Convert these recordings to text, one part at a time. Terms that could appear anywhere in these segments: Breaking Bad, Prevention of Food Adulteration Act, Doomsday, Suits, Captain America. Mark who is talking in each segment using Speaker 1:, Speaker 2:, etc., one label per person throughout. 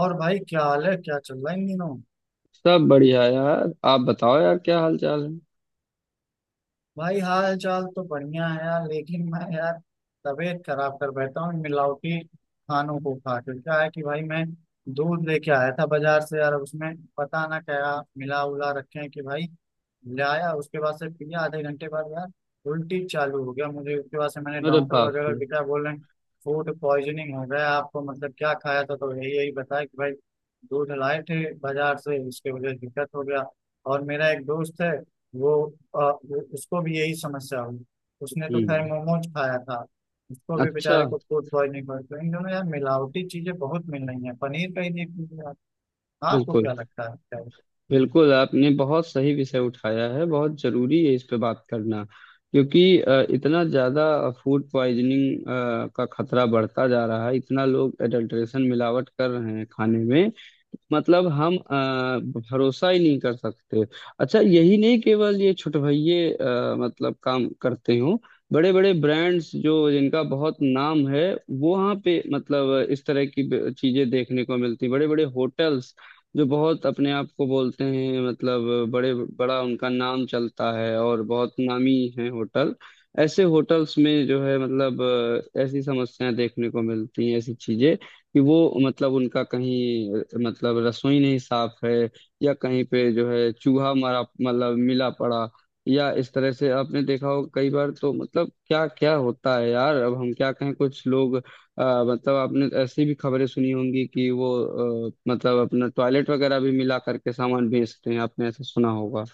Speaker 1: और भाई, क्या हाल है? क्या चल रहा है इन दिनों?
Speaker 2: सब बढ़िया यार, आप बताओ यार क्या हाल चाल है।
Speaker 1: भाई, हाल चाल तो बढ़िया है यार, लेकिन मैं यार तबीयत खराब कर बैठा हूँ इन मिलावटी खानों को खा के। क्या है कि भाई, मैं दूध लेके आया था बाजार से यार, उसमें पता ना क्या मिला उला रखे हैं। कि भाई, लाया, उसके बाद से पिया, आधे घंटे बाद यार उल्टी चालू हो गया मुझे। उसके बाद से मैंने
Speaker 2: अरे
Speaker 1: डॉक्टर
Speaker 2: बाप
Speaker 1: वगैरह को
Speaker 2: रे।
Speaker 1: दिखाया, बोल रहे हैं फूड पॉइजनिंग हो गया आपको। मतलब क्या खाया था, तो यही यही बताया कि भाई दूध लाए थे बाजार से, उसके वजह से दिक्कत हो गया। और मेरा एक दोस्त है, वो, वो उसको भी यही समस्या हुई। उसने तो खैर
Speaker 2: हम्म।
Speaker 1: मोमोज खाया था। उसको भी
Speaker 2: अच्छा।
Speaker 1: बेचारे को फूड पॉइजनिंग हो गई। तो इन दोनों यार मिलावटी चीजें बहुत मिल रही हैं, पनीर का ही देख लीजिए आप। आपको
Speaker 2: बिल्कुल।
Speaker 1: क्या लगता है, क्या है?
Speaker 2: बिल्कुल आपने बहुत सही विषय उठाया है, बहुत जरूरी है इस पे बात करना क्योंकि इतना ज्यादा फूड पॉइजनिंग का खतरा बढ़ता जा रहा है, इतना लोग एडल्ट्रेशन मिलावट कर रहे हैं खाने में। मतलब हम भरोसा ही नहीं कर सकते। अच्छा यही नहीं, केवल ये छुटभइये मतलब काम करते हो, बड़े बड़े ब्रांड्स जो जिनका बहुत नाम है वो वहाँ पे मतलब इस तरह की चीजें देखने को मिलती, बड़े बड़े होटल्स जो बहुत अपने आप को बोलते हैं मतलब बड़े बड़ा उनका नाम चलता है और बहुत नामी है होटल। ऐसे होटल्स में जो है मतलब ऐसी समस्याएं देखने को मिलती हैं, ऐसी चीजें कि वो मतलब उनका कहीं मतलब रसोई नहीं साफ है, या कहीं पे जो है चूहा मरा मतलब मिला पड़ा, या इस तरह से आपने देखा हो कई बार तो मतलब क्या क्या होता है यार, अब हम क्या कहें। कुछ लोग मतलब आपने ऐसी भी खबरें सुनी होंगी कि वो मतलब अपना टॉयलेट वगैरह भी मिला करके सामान बेचते हैं, आपने ऐसा सुना होगा।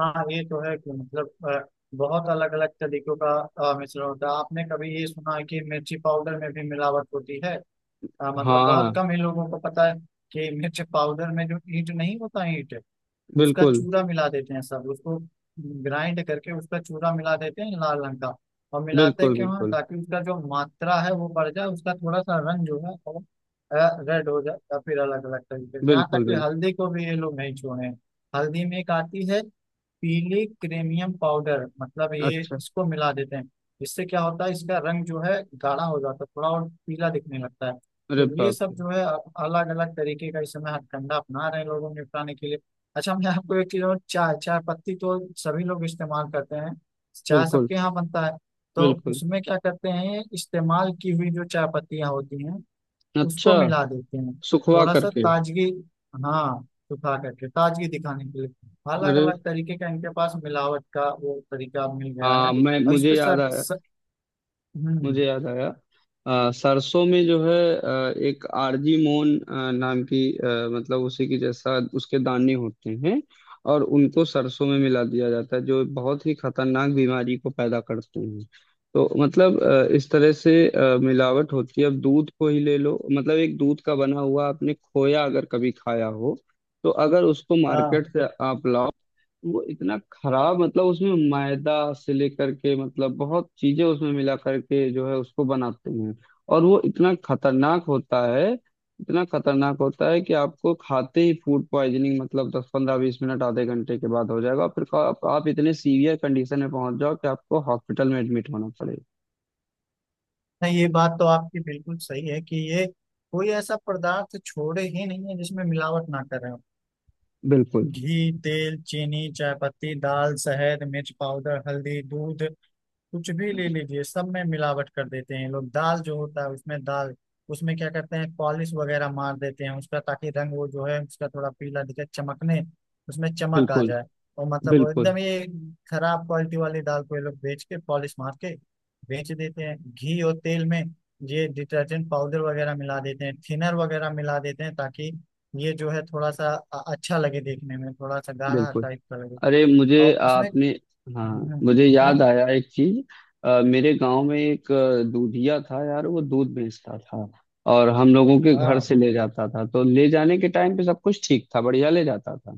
Speaker 1: हाँ, ये तो है कि बहुत अलग अलग तरीकों का मिश्रण होता है। आपने कभी ये सुना है कि मिर्ची पाउडर में भी मिलावट होती है? मतलब
Speaker 2: हाँ।
Speaker 1: बहुत कम ही लोगों को पता है कि मिर्च पाउडर में जो ईंट नहीं होता, ईंट उसका
Speaker 2: बिल्कुल।
Speaker 1: चूरा मिला देते हैं। सब उसको ग्राइंड करके उसका चूरा मिला देते हैं लाल रंग का। और मिलाते
Speaker 2: बिल्कुल।
Speaker 1: क्यों हैं?
Speaker 2: बिल्कुल।
Speaker 1: ताकि उसका जो मात्रा है वो बढ़ जाए, उसका थोड़ा सा रंग जो है वो रेड हो जाए, या फिर अलग अलग तरीके से। यहाँ
Speaker 2: बिल्कुल।
Speaker 1: तक कि
Speaker 2: बिल्कुल।
Speaker 1: हल्दी को भी ये लोग नहीं छोड़े हैं। हल्दी में एक आती है पीली क्रेमियम पाउडर, मतलब ये
Speaker 2: अच्छा।
Speaker 1: इसको मिला देते हैं। इससे क्या होता है, इसका रंग जो है गाढ़ा हो जाता है, थोड़ा और पीला दिखने लगता है।
Speaker 2: अरे
Speaker 1: तो ये
Speaker 2: बाप
Speaker 1: सब
Speaker 2: रे।
Speaker 1: जो है अलग अलग तरीके का इस समय हथकंडा अपना रहे हैं लोगों को निपटाने के लिए। अच्छा, मैं आपको एक चीज और, चाय चाय पत्ती तो सभी लोग इस्तेमाल करते हैं, चाय
Speaker 2: बिल्कुल
Speaker 1: सबके यहाँ बनता है। तो
Speaker 2: बिल्कुल।
Speaker 1: उसमें क्या करते हैं, इस्तेमाल की हुई जो चाय पत्तियाँ होती हैं
Speaker 2: अच्छा।
Speaker 1: उसको मिला देते हैं
Speaker 2: सुखवा
Speaker 1: थोड़ा सा
Speaker 2: करके।
Speaker 1: ताजगी। हाँ, सुखा करके ताजगी दिखाने के लिए। अलग
Speaker 2: अरे।
Speaker 1: अलग तरीके का इनके पास मिलावट का वो तरीका मिल गया है।
Speaker 2: हाँ मैं
Speaker 1: और इस
Speaker 2: मुझे
Speaker 1: पे
Speaker 2: याद
Speaker 1: सर,
Speaker 2: आया।
Speaker 1: सर। हम्म।
Speaker 2: मुझे याद आया, सरसों में जो है एक आरजी मोन नाम की, मतलब उसी की जैसा उसके दाने होते हैं और उनको सरसों में मिला दिया जाता है जो बहुत ही खतरनाक बीमारी को पैदा करते हैं। तो मतलब इस तरह से मिलावट होती है। अब दूध को ही ले लो, मतलब एक दूध का बना हुआ आपने खोया अगर कभी खाया हो, तो अगर उसको मार्केट
Speaker 1: हाँ।
Speaker 2: से आप लाओ वो इतना खराब, मतलब उसमें मैदा से लेकर के मतलब बहुत चीजें उसमें मिला करके जो है उसको बनाते हैं। और वो इतना खतरनाक होता है, इतना खतरनाक होता है कि आपको खाते ही फूड पॉइजनिंग मतलब 10 15 20 मिनट, आधे घंटे के बाद हो जाएगा और फिर आप इतने सीवियर कंडीशन में पहुंच जाओ कि आपको हॉस्पिटल में एडमिट होना पड़ेगा।
Speaker 1: नहीं, ये बात तो आपकी बिल्कुल सही है कि ये कोई ऐसा पदार्थ छोड़े ही नहीं है जिसमें मिलावट ना करें।
Speaker 2: बिल्कुल।
Speaker 1: घी, तेल, चीनी, चायपत्ती, दाल, शहद, मिर्च पाउडर, हल्दी, दूध, कुछ भी ले लीजिए, सब में मिलावट कर देते हैं लोग। दाल जो होता है, उसमें दाल उसमें क्या करते हैं पॉलिश वगैरह मार देते हैं उसका, ताकि रंग वो जो है उसका थोड़ा पीला दिखे, चमकने उसमें चमक आ
Speaker 2: बिल्कुल।
Speaker 1: जाए। और मतलब वो
Speaker 2: बिल्कुल।
Speaker 1: एकदम ये खराब क्वालिटी वाली दाल को ये लोग बेच के पॉलिश मार के बेच देते हैं। घी और तेल में ये डिटर्जेंट पाउडर वगैरह मिला देते हैं, थिनर वगैरह मिला देते हैं, ताकि ये जो है थोड़ा सा अच्छा लगे देखने में, थोड़ा सा गाढ़ा
Speaker 2: बिल्कुल।
Speaker 1: टाइप का लगे।
Speaker 2: अरे मुझे
Speaker 1: और इसमें
Speaker 2: आपने, हाँ
Speaker 1: हम्म,
Speaker 2: मुझे याद आया एक चीज। मेरे गांव में एक दूधिया था यार, वो दूध बेचता था और हम लोगों के घर
Speaker 1: हाँ,
Speaker 2: से ले जाता था, तो ले जाने के टाइम पे सब कुछ ठीक था, बढ़िया ले जाता था।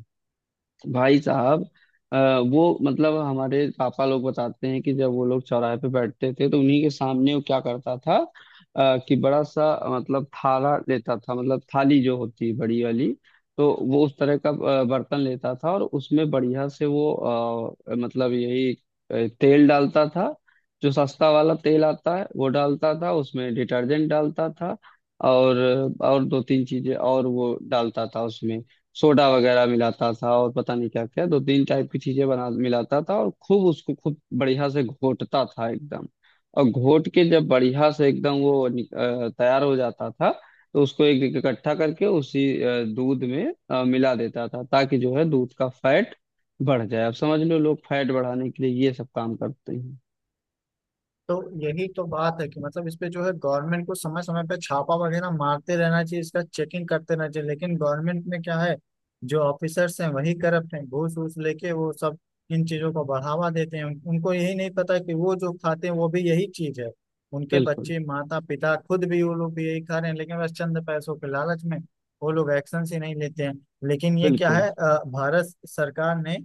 Speaker 2: भाई साहब, अ, वो मतलब हमारे पापा लोग बताते हैं कि जब वो लोग चौराहे पे बैठते थे तो उन्हीं के सामने वो क्या करता था, कि बड़ा सा मतलब थाला लेता था, मतलब थाली जो होती है बड़ी वाली, तो वो उस तरह का बर्तन लेता था और उसमें बढ़िया से वो मतलब यही तेल डालता था, जो सस्ता वाला तेल आता है वो डालता था, उसमें डिटर्जेंट डालता था और और दो तीन चीजें और वो डालता था उसमें, सोडा वगैरह मिलाता था और पता नहीं क्या क्या दो तीन टाइप की चीजें बना मिलाता था और खूब उसको खूब बढ़िया से घोटता था एकदम। और घोट के जब बढ़िया से एकदम वो तैयार हो जाता था, तो उसको एक एक इकट्ठा करके उसी दूध में मिला देता था ताकि जो है दूध का फैट बढ़ जाए। अब समझ लो, लोग फैट बढ़ाने के लिए ये सब काम करते हैं।
Speaker 1: तो यही तो बात है कि मतलब इस पे जो है गवर्नमेंट को समय समय पे छापा वगैरह मारते रहना चाहिए, इसका चेकिंग करते रहना चाहिए। लेकिन गवर्नमेंट में क्या है, जो ऑफिसर्स हैं वही करप्ट हैं, घूस वूस लेके वो सब इन चीजों को बढ़ावा देते हैं। उनको यही नहीं पता कि वो जो खाते हैं वो भी यही चीज है, उनके
Speaker 2: बिल्कुल।
Speaker 1: बच्चे, माता पिता खुद भी, वो लोग भी यही खा रहे हैं, लेकिन बस चंद पैसों के लालच में वो लोग एक्शन ही नहीं लेते हैं। लेकिन ये क्या
Speaker 2: बिल्कुल।
Speaker 1: है, भारत सरकार ने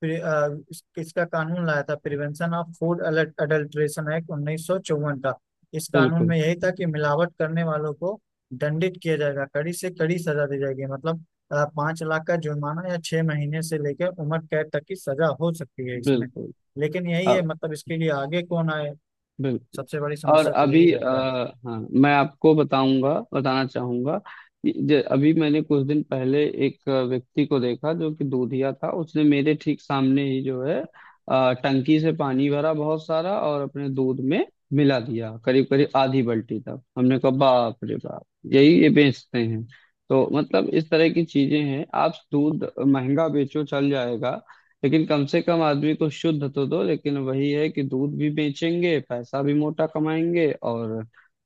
Speaker 1: फिर किसका कानून लाया था? Prevention of food adulteration act 1954 का। इस कानून
Speaker 2: बिल्कुल।
Speaker 1: में यही था कि मिलावट करने वालों को दंडित किया जाएगा, कड़ी से कड़ी सजा दी जाएगी। मतलब 5 लाख का जुर्माना या 6 महीने से लेकर उम्र कैद तक की सजा हो सकती है इसमें।
Speaker 2: बिल्कुल।
Speaker 1: लेकिन यही है,
Speaker 2: अब
Speaker 1: मतलब इसके लिए आगे कौन आए,
Speaker 2: बिल्कुल।
Speaker 1: सबसे बड़ी
Speaker 2: और
Speaker 1: समस्या तो यही
Speaker 2: अभी
Speaker 1: रहता है।
Speaker 2: हाँ मैं आपको बताऊंगा, बताना चाहूंगा कि अभी मैंने कुछ दिन पहले एक व्यक्ति को देखा जो कि दूधिया था। उसने मेरे ठीक सामने ही जो है टंकी से पानी भरा बहुत सारा और अपने दूध में मिला दिया, करीब करीब आधी बाल्टी तक। हमने कहा बाप रे बाप, यही ये बेचते हैं। तो मतलब इस तरह की चीजें हैं। आप दूध महंगा बेचो चल जाएगा, लेकिन कम से कम आदमी को शुद्ध तो दो, लेकिन वही है कि दूध भी बेचेंगे पैसा भी मोटा कमाएंगे। और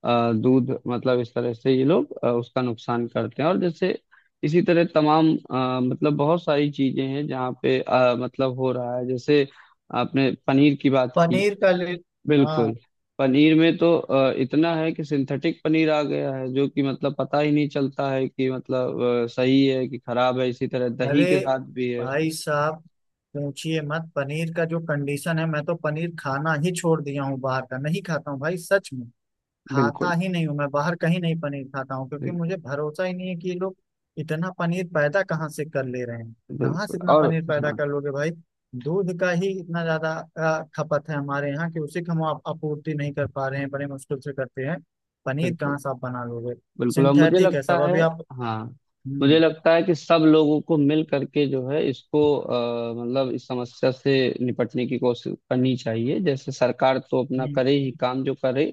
Speaker 2: दूध मतलब इस तरह से ये लोग उसका नुकसान करते हैं। और जैसे इसी तरह तमाम मतलब बहुत सारी चीजें हैं जहाँ पे मतलब हो रहा है, जैसे आपने पनीर की बात की।
Speaker 1: पनीर का ले, हाँ।
Speaker 2: बिल्कुल। पनीर में तो इतना है कि सिंथेटिक पनीर आ गया है जो कि मतलब पता ही नहीं चलता है कि मतलब सही है कि खराब है, इसी तरह दही
Speaker 1: अरे
Speaker 2: के साथ भी है।
Speaker 1: भाई साहब, पूछिए मत। पनीर का जो कंडीशन है, मैं तो पनीर खाना ही छोड़ दिया हूँ, बाहर का नहीं खाता हूँ भाई, सच में
Speaker 2: बिल्कुल।
Speaker 1: खाता ही नहीं हूँ मैं, बाहर कहीं नहीं पनीर खाता हूँ, क्योंकि
Speaker 2: बिल्कुल।
Speaker 1: मुझे भरोसा ही नहीं है कि ये लोग इतना पनीर पैदा कहाँ से कर ले रहे हैं। कहाँ से
Speaker 2: बिल्कुल
Speaker 1: इतना
Speaker 2: और
Speaker 1: पनीर पैदा
Speaker 2: हाँ
Speaker 1: कर लोगे भाई? दूध का ही इतना ज्यादा खपत है हमारे यहाँ कि उसी का हम आपूर्ति नहीं कर पा रहे हैं, बड़े मुश्किल से करते हैं, पनीर
Speaker 2: बिल्कुल।
Speaker 1: कहाँ से आप बना लोगे?
Speaker 2: बिल्कुल और मुझे
Speaker 1: सिंथेटिक है
Speaker 2: लगता
Speaker 1: सब
Speaker 2: है,
Speaker 1: अभी आप।
Speaker 2: हाँ मुझे
Speaker 1: हम्म।
Speaker 2: लगता है कि सब लोगों को मिल करके जो है इसको मतलब इस समस्या से निपटने की कोशिश करनी चाहिए। जैसे सरकार तो अपना
Speaker 1: हम्म।
Speaker 2: करे ही काम जो करे,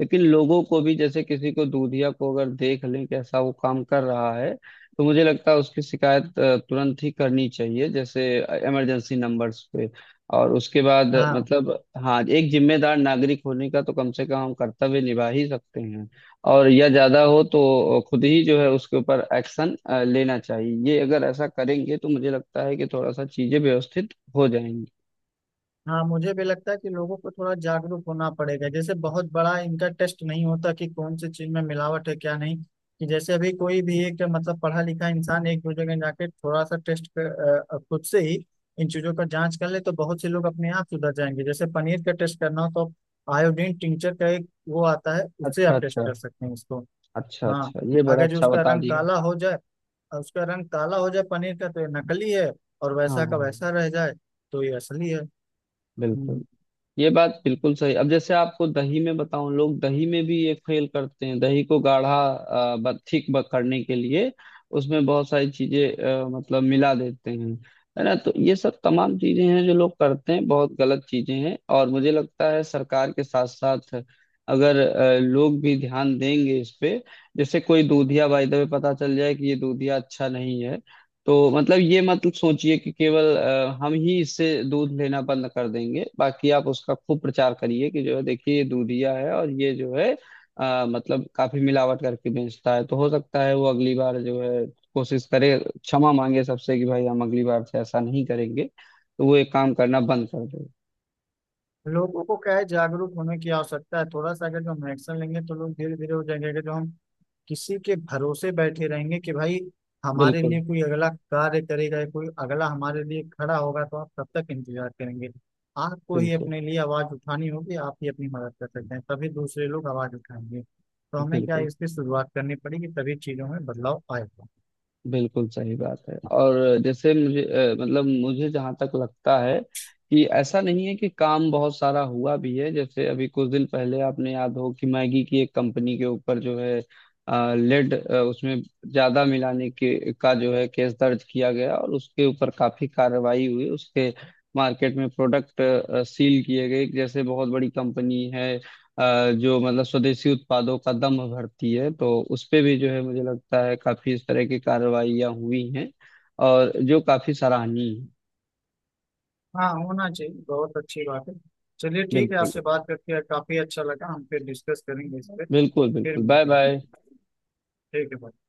Speaker 2: लेकिन लोगों को भी, जैसे किसी को दूधिया को अगर देख लें कि ऐसा वो काम कर रहा है, तो मुझे लगता है उसकी शिकायत तुरंत ही करनी चाहिए, जैसे इमरजेंसी नंबर्स पे। और उसके बाद
Speaker 1: हाँ।
Speaker 2: मतलब, हाँ एक जिम्मेदार नागरिक होने का तो कम से कम हम कर्तव्य निभा ही सकते हैं। और या ज्यादा हो तो खुद ही जो है उसके ऊपर एक्शन लेना चाहिए। ये अगर ऐसा करेंगे तो मुझे लगता है कि थोड़ा सा चीजें व्यवस्थित हो जाएंगी।
Speaker 1: हाँ, मुझे भी लगता है कि लोगों को थोड़ा जागरूक होना पड़ेगा। जैसे बहुत बड़ा इनका टेस्ट नहीं होता कि कौन सी चीज में मिलावट है, क्या नहीं। कि जैसे अभी कोई भी एक मतलब पढ़ा लिखा इंसान एक दो जगह जाके थोड़ा सा खुद से ही इन चीजों का जांच कर ले, तो बहुत से लोग अपने आप सुधर जाएंगे। जैसे पनीर का टेस्ट करना हो तो आयोडीन टिंचर का एक वो आता है, उससे आप
Speaker 2: अच्छा
Speaker 1: टेस्ट
Speaker 2: अच्छा।
Speaker 1: कर सकते हैं उसको।
Speaker 2: अच्छा
Speaker 1: हाँ,
Speaker 2: अच्छा, ये बड़ा
Speaker 1: अगर जो
Speaker 2: अच्छा
Speaker 1: उसका
Speaker 2: बता
Speaker 1: रंग
Speaker 2: दिया।
Speaker 1: काला हो जाए, उसका रंग काला हो जाए पनीर का, तो ये नकली है, और वैसा का
Speaker 2: हाँ।
Speaker 1: वैसा रह जाए तो ये असली है।
Speaker 2: बिल्कुल।
Speaker 1: हम्म।
Speaker 2: ये बात बिल्कुल सही। अब जैसे आपको दही में बताऊं, लोग दही में भी ये फेल करते हैं, दही को गाढ़ा थिक करने के लिए उसमें बहुत सारी चीजें मतलब मिला देते हैं। है ना, तो ये सब तमाम चीजें हैं जो लोग करते हैं, बहुत गलत चीजें हैं, और मुझे लगता है सरकार के साथ साथ अगर लोग भी ध्यान देंगे इस पे। जैसे कोई दूधिया बाय द वे पता चल जाए कि ये दूधिया अच्छा नहीं है, तो मतलब ये मतलब सोचिए कि केवल हम ही इससे दूध लेना बंद कर देंगे, बाकी आप उसका खूब प्रचार करिए कि जो है, देखिए ये दूधिया है और ये जो है मतलब काफी मिलावट करके बेचता है। तो हो सकता है वो अगली बार जो है कोशिश करे, क्षमा मांगे सबसे कि भाई हम अगली बार से ऐसा नहीं करेंगे, तो वो एक काम करना बंद कर दे।
Speaker 1: लोगों को क्या है, जागरूक होने की आवश्यकता है, थोड़ा सा अगर जो हम एक्शन लेंगे तो लोग धीरे धीरे हो जाएंगे। अगर जो हम किसी के भरोसे बैठे रहेंगे कि भाई हमारे लिए
Speaker 2: बिल्कुल।
Speaker 1: कोई अगला कार्य करेगा, या कोई अगला हमारे लिए खड़ा होगा, तो आप कब तक इंतजार करेंगे? आपको ही
Speaker 2: बिल्कुल।
Speaker 1: अपने लिए आवाज उठानी होगी, आप ही अपनी मदद कर सकते हैं, तभी दूसरे लोग आवाज उठाएंगे, तो हमें क्या है,
Speaker 2: बिल्कुल।
Speaker 1: इसकी शुरुआत करनी पड़ेगी, तभी चीजों में बदलाव आएगा।
Speaker 2: बिल्कुल सही बात है। और जैसे मुझे मतलब मुझे जहां तक लगता है कि ऐसा नहीं है, कि काम बहुत सारा हुआ भी है। जैसे अभी कुछ दिन पहले आपने याद हो कि मैगी की एक कंपनी के ऊपर जो है लेड उसमें ज्यादा मिलाने के का जो है केस दर्ज किया गया और उसके ऊपर काफी कार्रवाई हुई। उसके मार्केट में प्रोडक्ट सील किए गए, जैसे बहुत बड़ी कंपनी है, जो मतलब स्वदेशी उत्पादों का दम भरती है, तो उस पे भी जो है मुझे लगता है काफी इस तरह की कार्रवाइयाँ हुई हैं, और जो काफी सराहनीय है।
Speaker 1: हाँ, होना चाहिए, बहुत अच्छी बात है। चलिए ठीक है,
Speaker 2: बिल्कुल।
Speaker 1: आपसे बात करके काफी अच्छा लगा, हम फिर डिस्कस करेंगे इस पर,
Speaker 2: बिल्कुल।
Speaker 1: फिर
Speaker 2: बिल्कुल बाय
Speaker 1: मिलते हैं।
Speaker 2: बाय।
Speaker 1: ठीक है भाई।